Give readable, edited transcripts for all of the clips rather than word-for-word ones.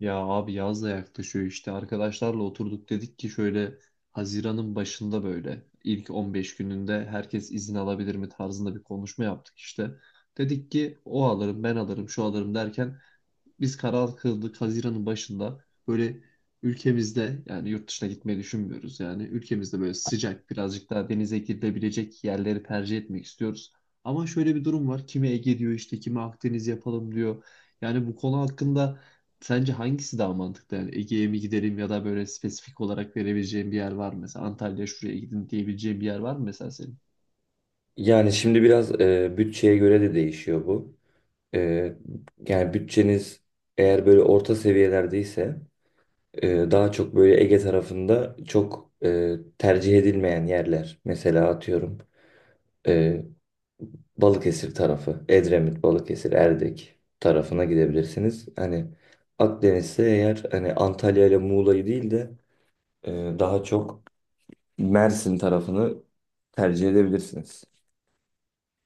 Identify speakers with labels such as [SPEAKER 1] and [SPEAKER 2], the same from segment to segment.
[SPEAKER 1] Ya abi yaz da yaklaşıyor işte arkadaşlarla oturduk dedik ki şöyle Haziran'ın başında böyle ilk 15 gününde herkes izin alabilir mi tarzında bir konuşma yaptık işte. Dedik ki o alırım ben alırım şu alırım derken biz karar kıldık Haziran'ın başında böyle ülkemizde, yani yurt dışına gitmeyi düşünmüyoruz, yani ülkemizde böyle sıcak birazcık daha denize girilebilecek yerleri tercih etmek istiyoruz. Ama şöyle bir durum var. Kimi Ege diyor işte, kimi Akdeniz yapalım diyor. Yani bu konu hakkında sence hangisi daha mantıklı? Yani Ege'ye mi gidelim ya da böyle spesifik olarak verebileceğim bir yer var mı? Mesela Antalya, şuraya gidin diyebileceğim bir yer var mı mesela senin?
[SPEAKER 2] Yani şimdi biraz bütçeye göre de değişiyor bu. E, Yani bütçeniz eğer böyle orta seviyelerdeyse daha çok böyle Ege tarafında çok tercih edilmeyen yerler. Mesela atıyorum e, Balıkesir tarafı, Edremit, Balıkesir, Erdek tarafına gidebilirsiniz. Hani Akdeniz'de eğer hani Antalya ile Muğla'yı değil de e, daha çok Mersin tarafını tercih edebilirsiniz.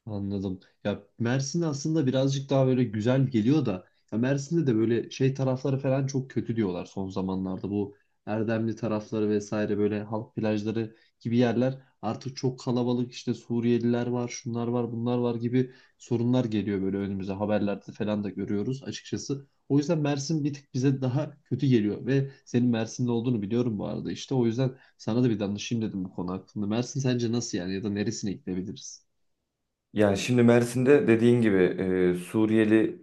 [SPEAKER 1] Anladım. Ya Mersin aslında birazcık daha böyle güzel geliyor da ya Mersin'de de böyle şey tarafları falan çok kötü diyorlar son zamanlarda. Bu Erdemli tarafları vesaire böyle halk plajları gibi yerler artık çok kalabalık, işte Suriyeliler var, şunlar var, bunlar var gibi sorunlar geliyor böyle önümüze, haberlerde falan da görüyoruz açıkçası. O yüzden Mersin bir tık bize daha kötü geliyor ve senin Mersin'de olduğunu biliyorum bu arada işte. O yüzden sana da bir danışayım dedim bu konu hakkında. Mersin sence nasıl yani, ya da neresine gidebiliriz?
[SPEAKER 2] Yani şimdi Mersin'de dediğin gibi Suriyeli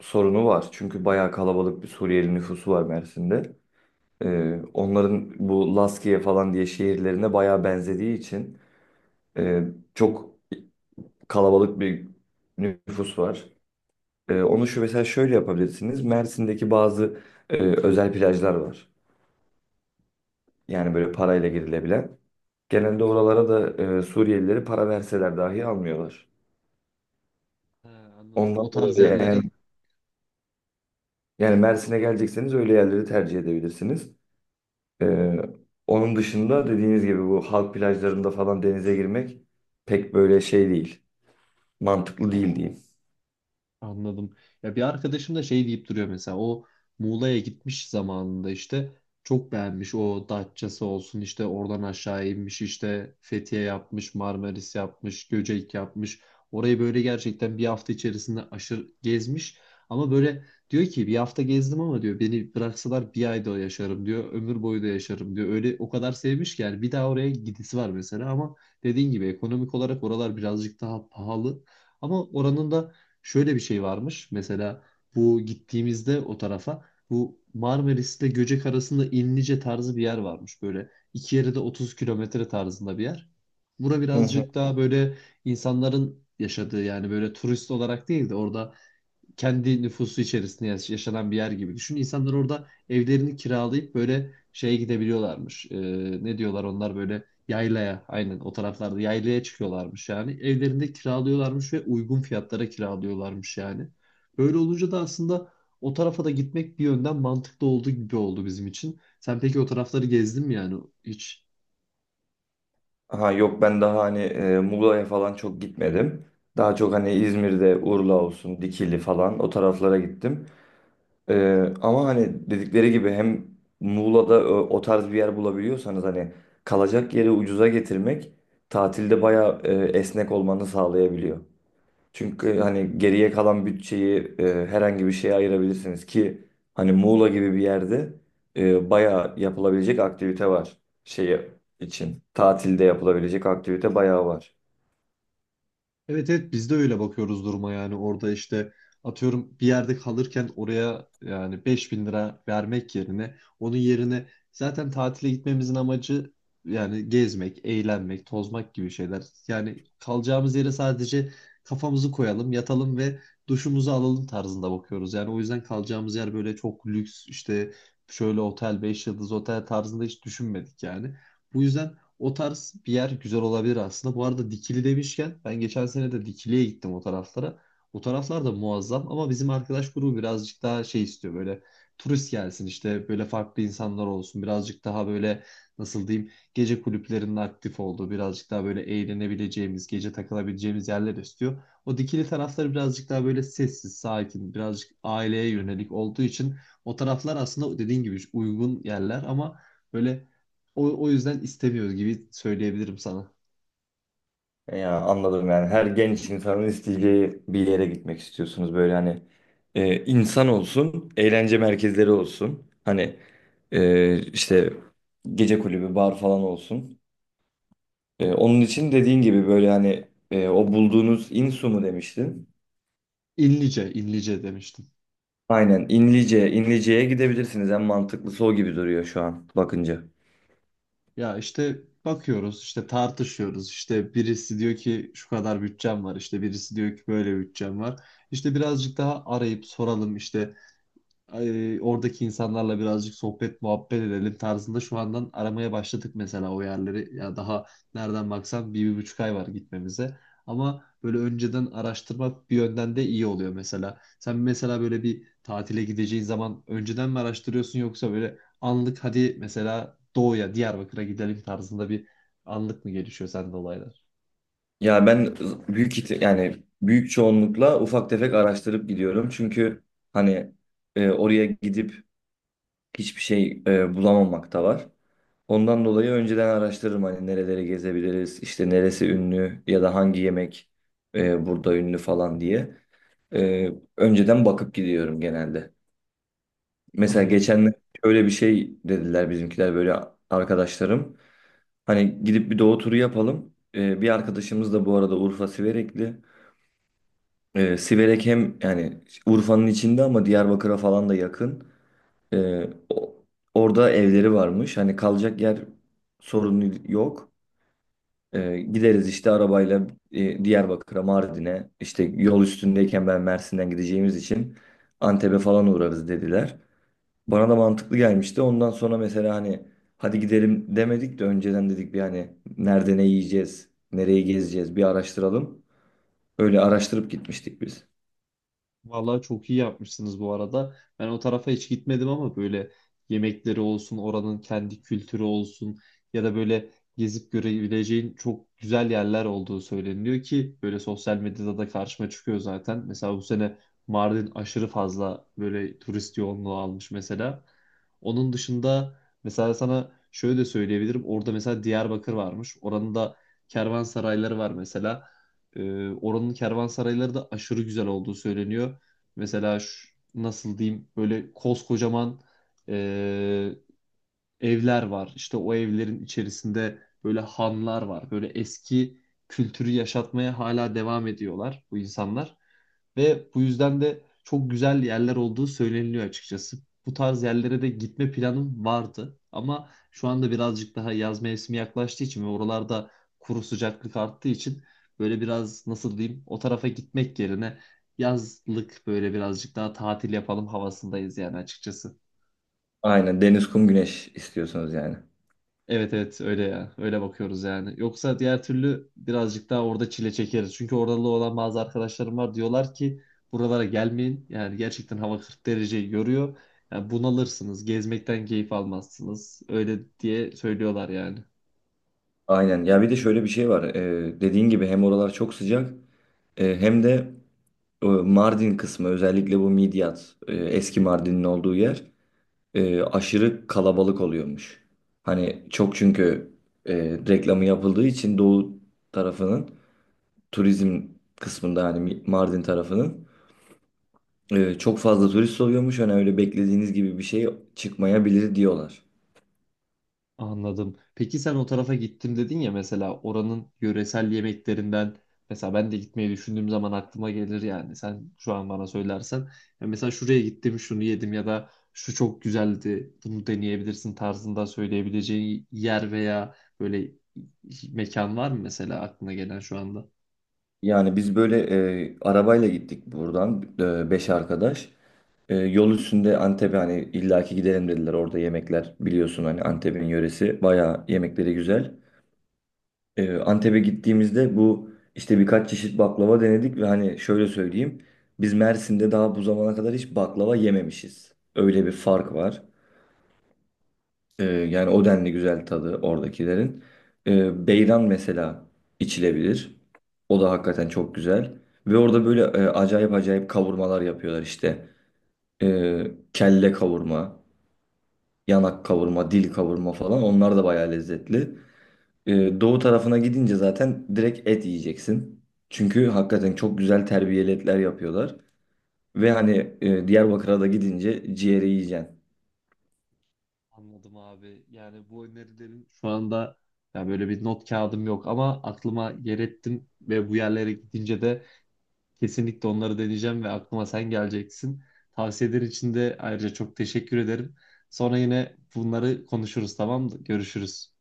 [SPEAKER 2] sorunu var. Çünkü bayağı kalabalık bir Suriyeli nüfusu var Mersin'de. Onların bu Laskiye falan diye şehirlerine bayağı benzediği için e, çok kalabalık bir nüfus var. Onu şu mesela şöyle yapabilirsiniz. Mersin'deki bazı özel plajlar var. Yani böyle parayla girilebilen. Genelde oralara da Suriyelileri para verseler dahi almıyorlar.
[SPEAKER 1] Ha, anladım. O
[SPEAKER 2] Ondan dolayı
[SPEAKER 1] tarz
[SPEAKER 2] eğer
[SPEAKER 1] yerleri.
[SPEAKER 2] yani Mersin'e gelecekseniz öyle yerleri tercih edebilirsiniz. Ee, Onun dışında dediğiniz gibi bu halk plajlarında falan denize girmek pek böyle şey değil. Mantıklı değil diyeyim.
[SPEAKER 1] Anladım. Ya bir arkadaşım da şey deyip duruyor, mesela o Muğla'ya gitmiş zamanında işte, çok beğenmiş, o Datça'sı olsun, işte oradan aşağı inmiş, işte Fethiye yapmış, Marmaris yapmış, Göcek yapmış, orayı böyle gerçekten bir hafta içerisinde aşırı gezmiş ama böyle diyor ki bir hafta gezdim ama, diyor, beni bıraksalar bir ayda yaşarım diyor, ömür boyu da yaşarım diyor, öyle o kadar sevmiş ki yani bir daha oraya gidisi var mesela. Ama dediğin gibi ekonomik olarak oralar birazcık daha pahalı, ama oranın da şöyle bir şey varmış. Mesela bu gittiğimizde o tarafa, bu Marmaris'le Göcek arasında İnlice tarzı bir yer varmış. Böyle iki yere de 30 kilometre tarzında bir yer. Bura
[SPEAKER 2] Hı hı.
[SPEAKER 1] birazcık daha böyle insanların yaşadığı, yani böyle turist olarak değil de orada kendi nüfusu içerisinde yaşanan bir yer gibi düşün. İnsanlar orada evlerini kiralayıp böyle şeye gidebiliyorlarmış. Ne diyorlar onlar, böyle yaylaya, aynen, o taraflarda yaylaya çıkıyorlarmış yani. Evlerinde kiralıyorlarmış ve uygun fiyatlara kiralıyorlarmış yani. Böyle olunca da aslında o tarafa da gitmek bir yönden mantıklı olduğu gibi oldu bizim için. Sen peki o tarafları gezdin mi yani, hiç?
[SPEAKER 2] Ha yok, ben daha hani Muğla'ya falan çok gitmedim. Daha çok hani İzmir'de Urla olsun, Dikili falan o taraflara gittim. Ama hani dedikleri gibi hem Muğla'da o tarz bir yer bulabiliyorsanız hani kalacak yeri ucuza getirmek tatilde bayağı esnek olmanı sağlayabiliyor. Çünkü hani geriye kalan bütçeyi herhangi bir şeye ayırabilirsiniz ki hani Muğla gibi bir yerde bayağı yapılabilecek aktivite var şeyi için. Tatilde yapılabilecek aktivite bayağı var.
[SPEAKER 1] Evet, evet, biz de öyle bakıyoruz duruma, yani orada işte atıyorum bir yerde kalırken oraya yani 5.000 lira vermek yerine, onun yerine zaten tatile gitmemizin amacı yani gezmek, eğlenmek, tozmak gibi şeyler. Yani kalacağımız yere sadece kafamızı koyalım, yatalım ve duşumuzu alalım tarzında bakıyoruz. Yani o yüzden kalacağımız yer böyle çok lüks, işte şöyle otel, 5 yıldız otel tarzında hiç düşünmedik yani. Bu yüzden o tarz bir yer güzel olabilir aslında. Bu arada Dikili demişken, ben geçen sene de Dikili'ye gittim, o taraflara. O taraflar da muazzam ama bizim arkadaş grubu birazcık daha şey istiyor, böyle turist gelsin, işte böyle farklı insanlar olsun, birazcık daha böyle nasıl diyeyim, gece kulüplerinin aktif olduğu, birazcık daha böyle eğlenebileceğimiz, gece takılabileceğimiz yerler istiyor. O Dikili tarafları birazcık daha böyle sessiz sakin, birazcık aileye yönelik olduğu için o taraflar aslında dediğin gibi uygun yerler ama böyle, o yüzden istemiyoruz gibi söyleyebilirim sana.
[SPEAKER 2] Ya anladım, yani her genç insanın isteyeceği bir yere gitmek istiyorsunuz böyle hani insan olsun, eğlence merkezleri olsun. Hani işte gece kulübü, bar falan olsun. Onun için dediğin gibi böyle hani o bulduğunuz İnsu mu demiştin?
[SPEAKER 1] İnlice, inlice demiştim.
[SPEAKER 2] Aynen İnlice, İnlice'ye gidebilirsiniz. En mantıklısı o gibi duruyor şu an bakınca.
[SPEAKER 1] Ya işte bakıyoruz, işte tartışıyoruz. İşte birisi diyor ki şu kadar bütçem var, işte birisi diyor ki böyle bütçem var. İşte birazcık daha arayıp soralım, işte oradaki insanlarla birazcık sohbet muhabbet edelim tarzında şu andan aramaya başladık mesela o yerleri. Ya daha nereden baksan bir buçuk ay var gitmemize. Ama böyle önceden araştırmak bir yönden de iyi oluyor mesela. Sen mesela böyle bir tatile gideceğin zaman önceden mi araştırıyorsun, yoksa böyle anlık, hadi mesela Doğu'ya, Diyarbakır'a gidelim tarzında bir anlık mı gelişiyor sende olaylar?
[SPEAKER 2] Ya ben yani büyük çoğunlukla ufak tefek araştırıp gidiyorum. Çünkü hani oraya gidip hiçbir şey bulamamak da var. Ondan dolayı önceden araştırırım hani nereleri gezebiliriz, işte neresi ünlü ya da hangi yemek burada ünlü falan diye. E, Önceden bakıp gidiyorum genelde. Mesela
[SPEAKER 1] Anladım.
[SPEAKER 2] geçen şöyle bir şey dediler bizimkiler, böyle arkadaşlarım. Hani gidip bir doğu turu yapalım. E, bir arkadaşımız da bu arada Urfa Siverekli. E, Siverek hem yani Urfa'nın içinde ama Diyarbakır'a falan da yakın. Ee, o- orada evleri varmış. Hani kalacak yer sorunu yok. Gideriz işte arabayla Diyarbakır'a, Mardin'e. İşte yol üstündeyken ben Mersin'den gideceğimiz için Antep'e falan uğrarız dediler. Bana da mantıklı gelmişti. Ondan sonra mesela hani hadi gidelim demedik de önceden dedik bir hani nerede ne yiyeceğiz, nereyi gezeceğiz bir araştıralım. Öyle araştırıp gitmiştik biz.
[SPEAKER 1] Vallahi çok iyi yapmışsınız bu arada. Ben o tarafa hiç gitmedim ama böyle yemekleri olsun, oranın kendi kültürü olsun, ya da böyle gezip görebileceğin çok güzel yerler olduğu söyleniyor ki böyle sosyal medyada da karşıma çıkıyor zaten. Mesela bu sene Mardin aşırı fazla böyle turist yoğunluğu almış mesela. Onun dışında mesela sana şöyle de söyleyebilirim. Orada mesela Diyarbakır varmış. Oranın da kervansarayları var mesela. Oranın kervansarayları da aşırı güzel olduğu söyleniyor. Mesela nasıl diyeyim, böyle koskocaman e, evler var. İşte o evlerin içerisinde böyle hanlar var. Böyle eski kültürü yaşatmaya hala devam ediyorlar bu insanlar. Ve bu yüzden de çok güzel yerler olduğu söyleniliyor açıkçası. Bu tarz yerlere de gitme planım vardı. Ama şu anda birazcık daha yaz mevsimi yaklaştığı için ve oralarda kuru sıcaklık arttığı için böyle biraz nasıl diyeyim, o tarafa gitmek yerine yazlık böyle birazcık daha tatil yapalım havasındayız yani açıkçası.
[SPEAKER 2] Aynen, deniz, kum, güneş istiyorsunuz yani.
[SPEAKER 1] Evet, evet, öyle ya. Öyle bakıyoruz yani. Yoksa diğer türlü birazcık daha orada çile çekeriz. Çünkü oralı olan bazı arkadaşlarım var, diyorlar ki buralara gelmeyin. Yani gerçekten hava 40 dereceyi görüyor. Yani bunalırsınız, gezmekten keyif almazsınız. Öyle diye söylüyorlar yani.
[SPEAKER 2] Aynen. Ya bir de şöyle bir şey var. Dediğin gibi hem oralar çok sıcak hem de Mardin kısmı, özellikle bu Midyat, eski Mardin'in olduğu yer aşırı kalabalık oluyormuş. Hani çok, çünkü e, reklamı yapıldığı için Doğu tarafının turizm kısmında hani Mardin tarafının çok fazla turist oluyormuş. Hani öyle beklediğiniz gibi bir şey çıkmayabilir diyorlar.
[SPEAKER 1] Anladım. Peki sen o tarafa gittim dedin ya, mesela oranın yöresel yemeklerinden, mesela ben de gitmeyi düşündüğüm zaman aklıma gelir yani, sen şu an bana söylersen ya mesela şuraya gittim şunu yedim, ya da şu çok güzeldi bunu deneyebilirsin tarzında söyleyebileceğin yer veya böyle mekan var mı mesela, aklına gelen şu anda?
[SPEAKER 2] Yani biz böyle arabayla gittik buradan, beş arkadaş. Yol üstünde Antep'e hani illaki gidelim dediler. Orada yemekler, biliyorsun hani, Antep'in yöresi. Bayağı yemekleri güzel. Antep'e gittiğimizde bu işte birkaç çeşit baklava denedik ve hani şöyle söyleyeyim. Biz Mersin'de daha bu zamana kadar hiç baklava yememişiz. Öyle bir fark var. Yani o denli güzel tadı oradakilerin. Beyran mesela içilebilir. O da hakikaten çok güzel. Ve orada böyle acayip acayip kavurmalar yapıyorlar işte. Kelle kavurma, yanak kavurma, dil kavurma falan, onlar da bayağı lezzetli. Doğu tarafına gidince zaten direkt et yiyeceksin. Çünkü hakikaten çok güzel terbiyeli etler yapıyorlar. Ve hani Diyarbakır'a da gidince ciğeri yiyeceksin.
[SPEAKER 1] Anladım abi. Yani bu önerilerin şu anda, ya böyle bir not kağıdım yok ama aklıma yer ettim ve bu yerlere gidince de kesinlikle onları deneyeceğim ve aklıma sen geleceksin. Tavsiyeler için de ayrıca çok teşekkür ederim. Sonra yine bunları konuşuruz, tamam mı? Görüşürüz.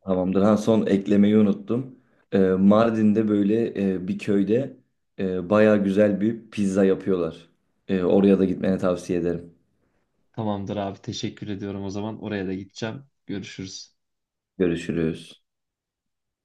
[SPEAKER 2] Tamamdır. Ha, son eklemeyi unuttum. Mardin'de böyle bir köyde bayağı güzel bir pizza yapıyorlar. Oraya da gitmeni tavsiye ederim.
[SPEAKER 1] Tamamdır abi, teşekkür ediyorum o zaman. Oraya da gideceğim. Görüşürüz.
[SPEAKER 2] Görüşürüz.